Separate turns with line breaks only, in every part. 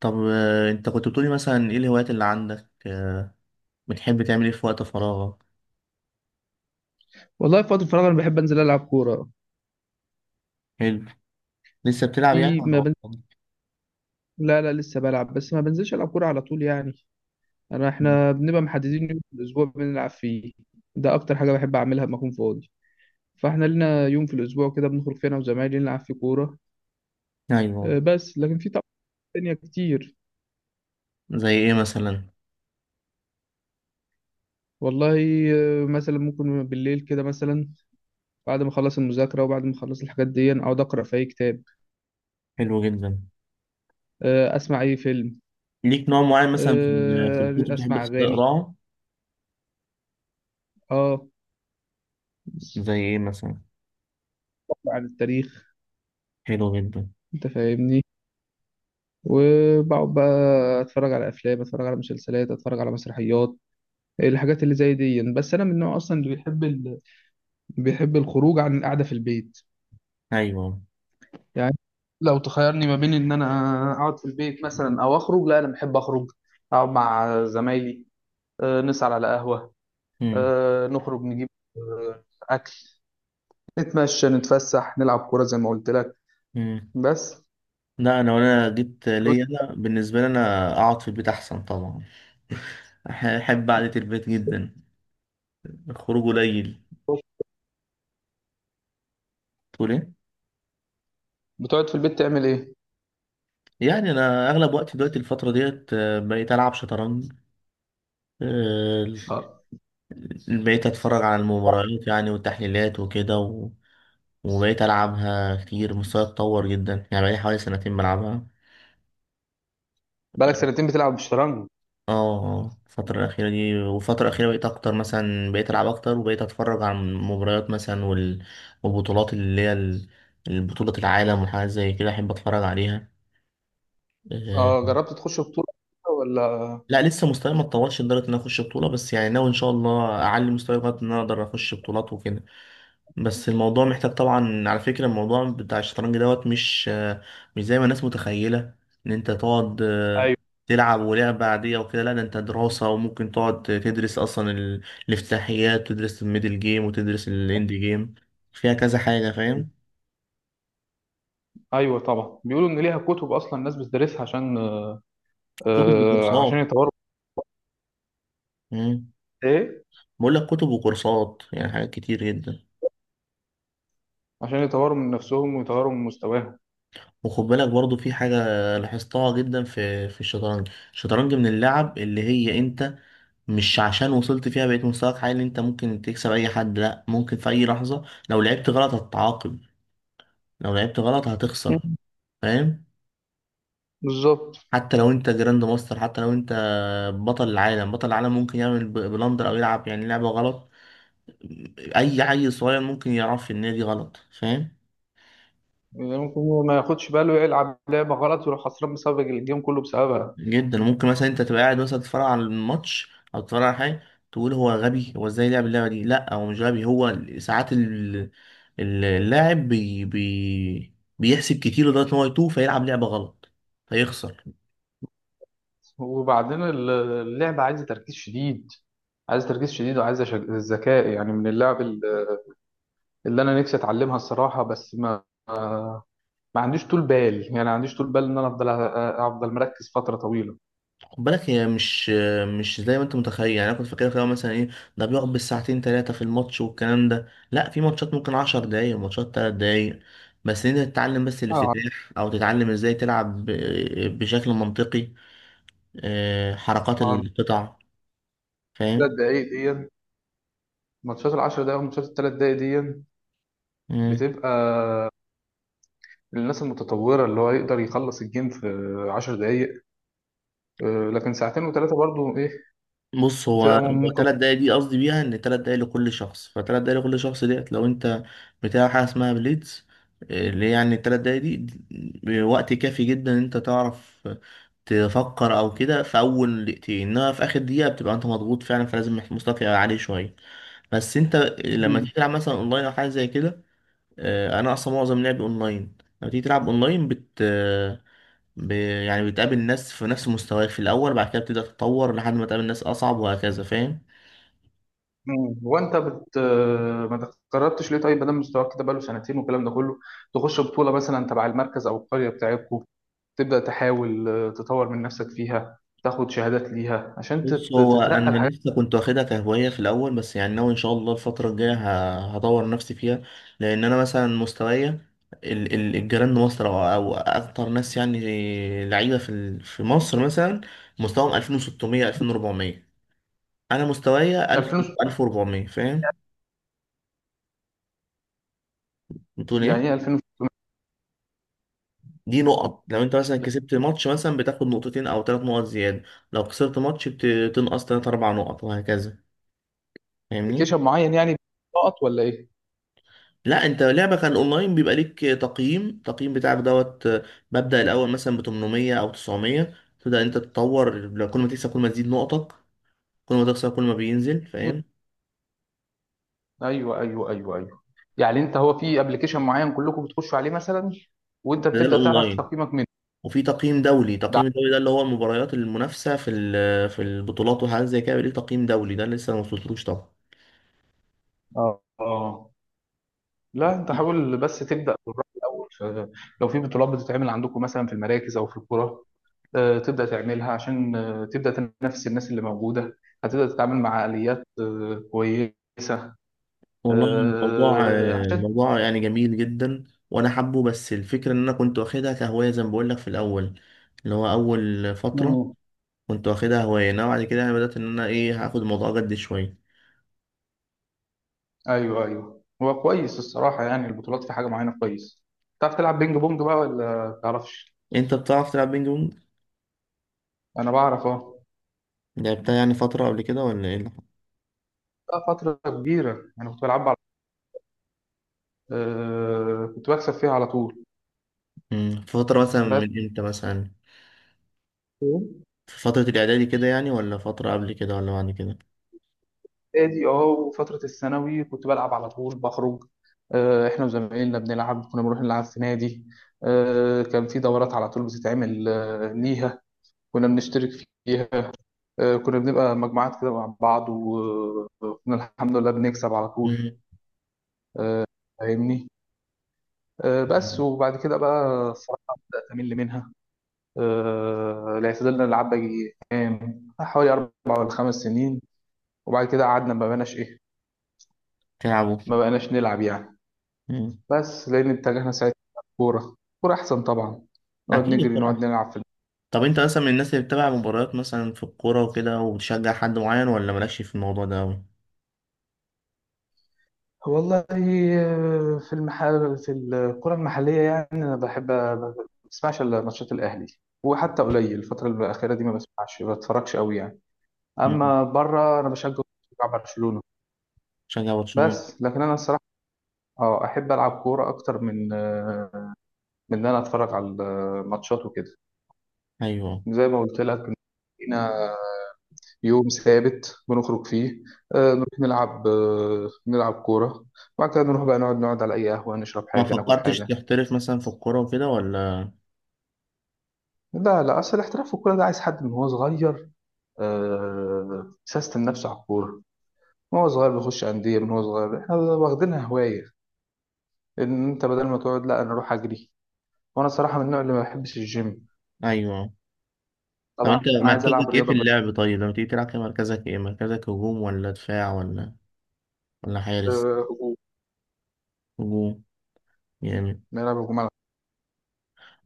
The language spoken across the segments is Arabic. طب انت كنت بتقولي مثلا ايه الهوايات اللي عندك، بتحب تعمل ايه في وقت فراغك؟
والله، في وقت الفراغ انا بحب انزل العب كوره.
حلو. لسه بتلعب
دي
يعني ولا
ما بنزل.
بطلت؟
لا لا، لسه بلعب، بس ما بنزلش العب كوره على طول، يعني. انا
مم.
احنا بنبقى محددين يوم في الاسبوع بنلعب فيه. ده اكتر حاجه بحب اعملها لما اكون فاضي. فاحنا لنا يوم في الاسبوع كده بنخرج فيه انا وزمايلي نلعب فيه كوره.
ايوه.
بس لكن في طبعا تانية كتير.
زي ايه مثلا؟
والله، مثلا ممكن بالليل كده مثلا، بعد ما اخلص المذاكره وبعد ما اخلص الحاجات دي اقعد اقرا في اي كتاب.
حلو جدا.
اسمع اي فيلم.
ليك نوع معين مثلا في الكتب بتحب
اسمع اغاني.
تقراه؟
اه،
زي ايه مثلا؟
أقرأ عن التاريخ.
حلو جدا.
انت فاهمني. وبقعد بقى اتفرج على افلام، اتفرج على مسلسلات، اتفرج على مسرحيات، الحاجات اللي زي دي. بس انا من النوع اصلا اللي بيحب بيحب الخروج عن القعده في البيت،
ايوه.
يعني. لو تخيرني ما بين ان انا اقعد في البيت مثلا او اخرج، لا انا بحب اخرج، اقعد مع زمايلي. نسهر على قهوه.
مم.
نخرج نجيب آه، اكل، نتمشى نتفسح نلعب كوره زي ما قلت لك.
مم.
بس.
لا انا وانا جيت ليا انا بالنسبه لي انا اقعد في البيت احسن طبعا. احب قعده البيت جدا. الخروج قليل. تقول ايه؟
بتقعد في البيت تعمل ايه؟
يعني انا اغلب وقتي دلوقتي الفتره ديت بقيت العب شطرنج. آه،
اه.
بقيت أتفرج على المباريات يعني والتحليلات وكده وبقيت ألعبها كتير. مستواي اتطور جدا يعني، بقالي حوالي سنتين بلعبها.
بقالك سنتين بتلعب بالشطرنج؟
اه، الفترة الأخيرة دي، والفترة الأخيرة بقيت أكتر مثلا. بقيت ألعب أكتر وبقيت أتفرج على المباريات مثلا والبطولات اللي هي البطولة العالم وحاجات زي كده أحب أتفرج عليها. آه،
اه، جربت تخش بطولة ولا؟
لا، لسه مستواي ما اتطورش لدرجة إن أنا أخش بطولة، بس يعني ناوي إن شاء الله أعلي مستواي لغاية إن أنا أقدر أخش بطولات وكده. بس الموضوع محتاج طبعا. على فكرة الموضوع بتاع الشطرنج دوت مش زي ما الناس متخيلة ان انت تقعد
ايوه،
تلعب ولعبة عادية وكده. لا ده انت دراسة، وممكن تقعد تدرس اصلا الافتتاحيات، وتدرس الميدل جيم، وتدرس الاند جيم. فيها كذا حاجة، فاهم؟
ايوه، طبعا بيقولوا ان ليها كتب اصلا الناس بتدرسها عشان
كتب
آه عشان
وكورسات.
يطوروا.
مم.
ايه،
بقول لك كتب وكورسات، يعني حاجات كتير جدا.
عشان يطوروا من نفسهم ويطوروا من مستواهم.
وخد بالك برضو في حاجة لاحظتها جدا في الشطرنج. الشطرنج من اللعب اللي هي انت مش عشان وصلت فيها بقيت مستواك عالي انت ممكن تكسب اي حد. لا، ممكن في اي لحظة لو لعبت غلط هتتعاقب، لو لعبت غلط هتخسر،
مم.
فاهم؟
بالظبط.
حتى لو انت جراند ماستر، حتى لو انت بطل العالم، بطل العالم ممكن يعمل بلندر او يلعب يعني لعبة غلط. اي عيل صغير ممكن يعرف ان هي دي غلط، فاهم؟
يعني ممكن هو ما ياخدش باله، يلعب لعبة غلط ويروح خسران بسبب الجيم كله بسببها.
جدا ممكن مثلا انت تبقى قاعد مثلا تتفرج على الماتش او تتفرج على حاجه، تقول هو غبي، هو ازاي لعب اللعبه دي. لا، هو مش غبي، هو ساعات اللاعب بي بي بيحسب كتير لدرجه ان هو يتوه فيلعب لعبه غلط فيخسر.
وبعدين اللعبة عايزة تركيز شديد، عايزة تركيز شديد وعايزة ذكاء، يعني من اللعب اللي انا نفسي اتعلمها الصراحة. بس ما عنديش طول بال، يعني ما عنديش طول بال ان انا افضل افضل مركز فترة طويلة.
خد بالك هي مش زي ما انت متخيل. يعني انا كنت فاكرها في الأول مثلا ايه، ده بيقعد بالساعتين ثلاثه في الماتش والكلام ده. لا، في ماتشات ممكن 10 دقايق، ماتشات 3 دقايق. بس انت تتعلم بس
اه.
الافتتاح او تتعلم ازاي تلعب بشكل منطقي. حركات
ما هو
القطع،
الثلاث
فاهم؟
دقايق دي، ماتشات العشر دقايق والماتشات الثلاث دقايق دي
مم.
بتبقى للناس المتطورة اللي هو يقدر يخلص الجيم في 10 دقايق. لكن ساعتين وثلاثة برضو ايه،
بص، هو
بتبقى
هو
ممكن.
تلات دقايق دي قصدي بيها ان تلات دقايق لكل شخص، فتلات دقايق لكل شخص ديت لو انت بتاع حاجة اسمها بليدز. اللي هي يعني التلات دقايق دي وقت كافي جدا ان انت تعرف تفكر او كده في اول دقيقتين، انما في اخر دقيقة بتبقى انت مضغوط فعلا، فلازم مستواك يبقى عالي شوية. بس انت لما تيجي تلعب مثلا اونلاين او حاجة زي كده، انا اصلا معظم لعبي اونلاين. لما تيجي تلعب اونلاين ب... يعني بتقابل ناس في نفس مستواك في الاول، بعد كده بتبدا تتطور لحد ما تقابل ناس اصعب وهكذا، فاهم؟
مم. وانت بت آه، ما تقربتش ليه طيب، مادام مستواك كده بقاله سنتين والكلام ده كله، تخش بطولة مثلا تبع المركز او القرية بتاعتكم، تبدأ تحاول تطور من نفسك فيها، تاخد شهادات ليها عشان
بص، هو انا
تترقى الحاجات.
لسه كنت واخدها كهوايه في الاول، بس يعني ناوي ان شاء الله الفتره الجايه هطور نفسي فيها. لان انا مثلا مستوايا الجيران مصر او اكتر ناس يعني لعيبه في مصر مثلا مستواهم 2600 2400، انا مستوايا 1000
2000.
1400، فاهم؟ بتقول
يعني ايه
ايه؟
2000؟
دي نقط، لو انت مثلا كسبت ماتش مثلا بتاخد نقطتين او ثلاث نقط زيادة، لو خسرت ماتش بتنقص ثلاث اربع نقط وهكذا، فاهمني؟
ابلكيشن معين يعني، نقط ولا ايه؟
لا، انت لعبة كان اونلاين بيبقى ليك تقييم، التقييم بتاعك دوت مبدأ الاول مثلا ب 800 او 900، تبدأ انت تتطور لو كل ما تكسب كل ما تزيد نقطك، كل ما تخسر كل ما بينزل، فاهم؟
ايوه، ايوه، ايوه، ايوه. يعني انت، هو في ابلكيشن معين كلكم بتخشوا عليه مثلا، وانت
ده
بتبدا تعرف
الاونلاين،
تقييمك منه؟
وفي تقييم دولي.
ده
تقييم الدولي ده اللي هو المباريات المنافسة في البطولات وحاجات زي كده ليه تقييم دولي، ده لسه ما وصلتلوش.
اه، اه. لا انت حاول بس تبدا بالراي الاول لو في بطولات بتتعمل عندكم مثلا في المراكز او في القرى، تبدا تعملها عشان تبدا تنافس الناس اللي موجوده.
طبعا.
هتبدا تتعامل مع اليات كويسه،
والله الموضوع،
عشان.
الموضوع يعني جميل جدا، وانا حابه، بس الفكره ان انا كنت واخدها كهوايه زي ما بقول لك في الاول، اللي هو اول فتره
مم.
كنت واخدها هوايه انا، بعد كده يعني بدات ان انا ايه، هاخد الموضوع جد شويه.
ايوه، ايوه، هو كويس الصراحه. يعني البطولات في حاجه معينه كويس. تعرف تلعب بينج بونج بقى ولا تعرفش؟
انت بتعرف تلعب بينج بونج؟
انا بعرف، اه.
لعبتها يعني فتره قبل كده ولا ايه اللي حصل؟
بقى فتره كبيره انا كنت بلعب على، كنت بكسب فيها على طول.
في فتره مثلا
بس
من امتى مثلا؟ في فتره الاعدادي كده يعني، ولا فتره قبل كده، ولا بعد كده؟
ادي اه، وفتره الثانوي كنت بلعب على طول، بخرج. احنا وزمايلنا بنلعب، كنا بنروح نلعب في نادي. كان في دورات على طول بتتعمل ليها، كنا بنشترك فيها. كنا بنبقى مجموعات كده مع بعض، وكنا الحمد لله بنكسب على طول.
مم.
آه، فاهمني. بس،
مم.
وبعد كده بقى الصراحه بقيت أمل منها. الاعتدال ده نلعب بقى كام، حوالي 4 ولا 5 سنين، وبعد كده قعدنا ما بقناش ايه،
تلعبوا؟
ما بقناش نلعب يعني.
مم.
بس لان اتجهنا ساعتها كوره. كوره احسن طبعا، نقعد
اكيد.
نجري، نقعد نلعب في.
طب انت مثلا من الناس اللي بتتابع مباريات مثلا في الكورة وكده وبتشجع حد معين ولا مالكش في الموضوع ده أوي؟
والله، في المحل، في الكرة المحلية يعني، أنا بحب ما بسمعش إلا ماتشات الأهلي، وحتى قليل الفترة الأخيرة دي ما بسمعش ما بتفرجش قوي يعني.
مم.
أما بره أنا بشجع برشلونة.
تشجع برشلونة؟
بس لكن أنا الصراحة، أحب ألعب كورة أكتر من ان انا اتفرج على الماتشات وكده،
أيوه.
زي ما قلت لك إن لينا يوم ثابت بنخرج فيه، نروح نلعب كوره، وبعد كده نروح بقى نقعد على اي قهوه، نشرب
ما
حاجه، ناكل
فكرتش
حاجه.
تحترف مثلا في الكورة وكده ولا؟
لا، لا، اصل الاحتراف في الكوره ده عايز حد من هو صغير سيستم نفسه على الكوره، من هو صغير بيخش انديه، من هو صغير. احنا واخدينها هوايه، ان انت بدل ما تقعد لا، انا اروح اجري. وانا صراحه من النوع اللي ما بحبش الجيم.
أيوه. طب
طبعا
انت
انا عايز العب
مركزك ايه في
رياضه بس.
اللعب؟ طيب لما تيجي تلعب كده مركزك ايه؟ مركزك هجوم ولا دفاع ولا حارس؟
هجوم.
هجوم، جامد.
نلعب هجوم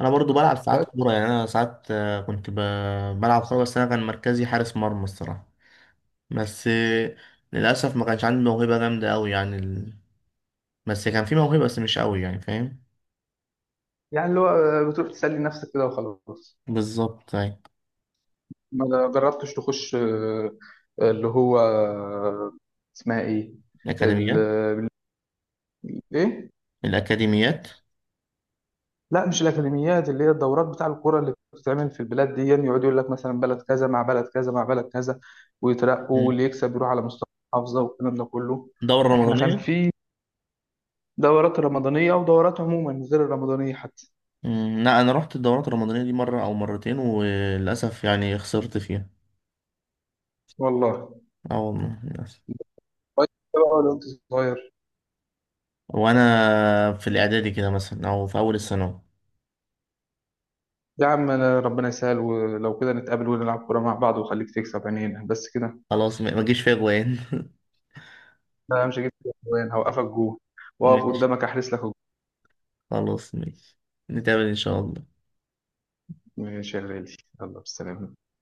انا برضو بلعب ساعات
على.
كورة، يعني انا ساعات كنت بلعب كورة، بس انا كان مركزي حارس مرمى الصراحة. بس، للأسف ما كانش عندي موهبة جامدة أوي يعني، بس كان في موهبة بس مش قوي يعني، فاهم؟
يعني اللي هو بتروح تسلي نفسك كده وخلاص.
بالظبط، أيوة.
ما جربتش تخش اللي هو اسمها ايه؟
الأكاديميات.
ال- ايه.
الأكاديميات.
لا مش الاكاديميات، اللي هي الدورات بتاع الكوره اللي بتتعمل في البلاد دي، يقعد يقول لك مثلا بلد كذا مع بلد كذا مع بلد كذا، ويترقوا
مم.
واللي يكسب يروح على مستوى المحافظه والكلام ده كله.
دورة
احنا كان
رمضانية.
في دورات رمضانيه ودورات عموما غير الرمضانيه حتى.
لا، أنا رحت الدورات الرمضانية دي مرة أو مرتين وللأسف يعني خسرت فيها.
والله،
أه والله، للأسف.
كويس بقى لو انت صغير.
وأنا في الإعدادي كده مثلا أو في أول الثانوي.
يا عم، أنا ربنا يسهل ولو كده نتقابل ونلعب كورة مع بعض، وخليك تكسب عينينا بس كده.
خلاص، ما جيش فيها جوان.
أنا مش هجيب جوان، هوقفك جوه، وأقف
ماشي.
قدامك أحرس لك الجون.
خلاص ماشي. نتقابل إن شاء الله.
ماشي يا غالي، يلا بالسلامة.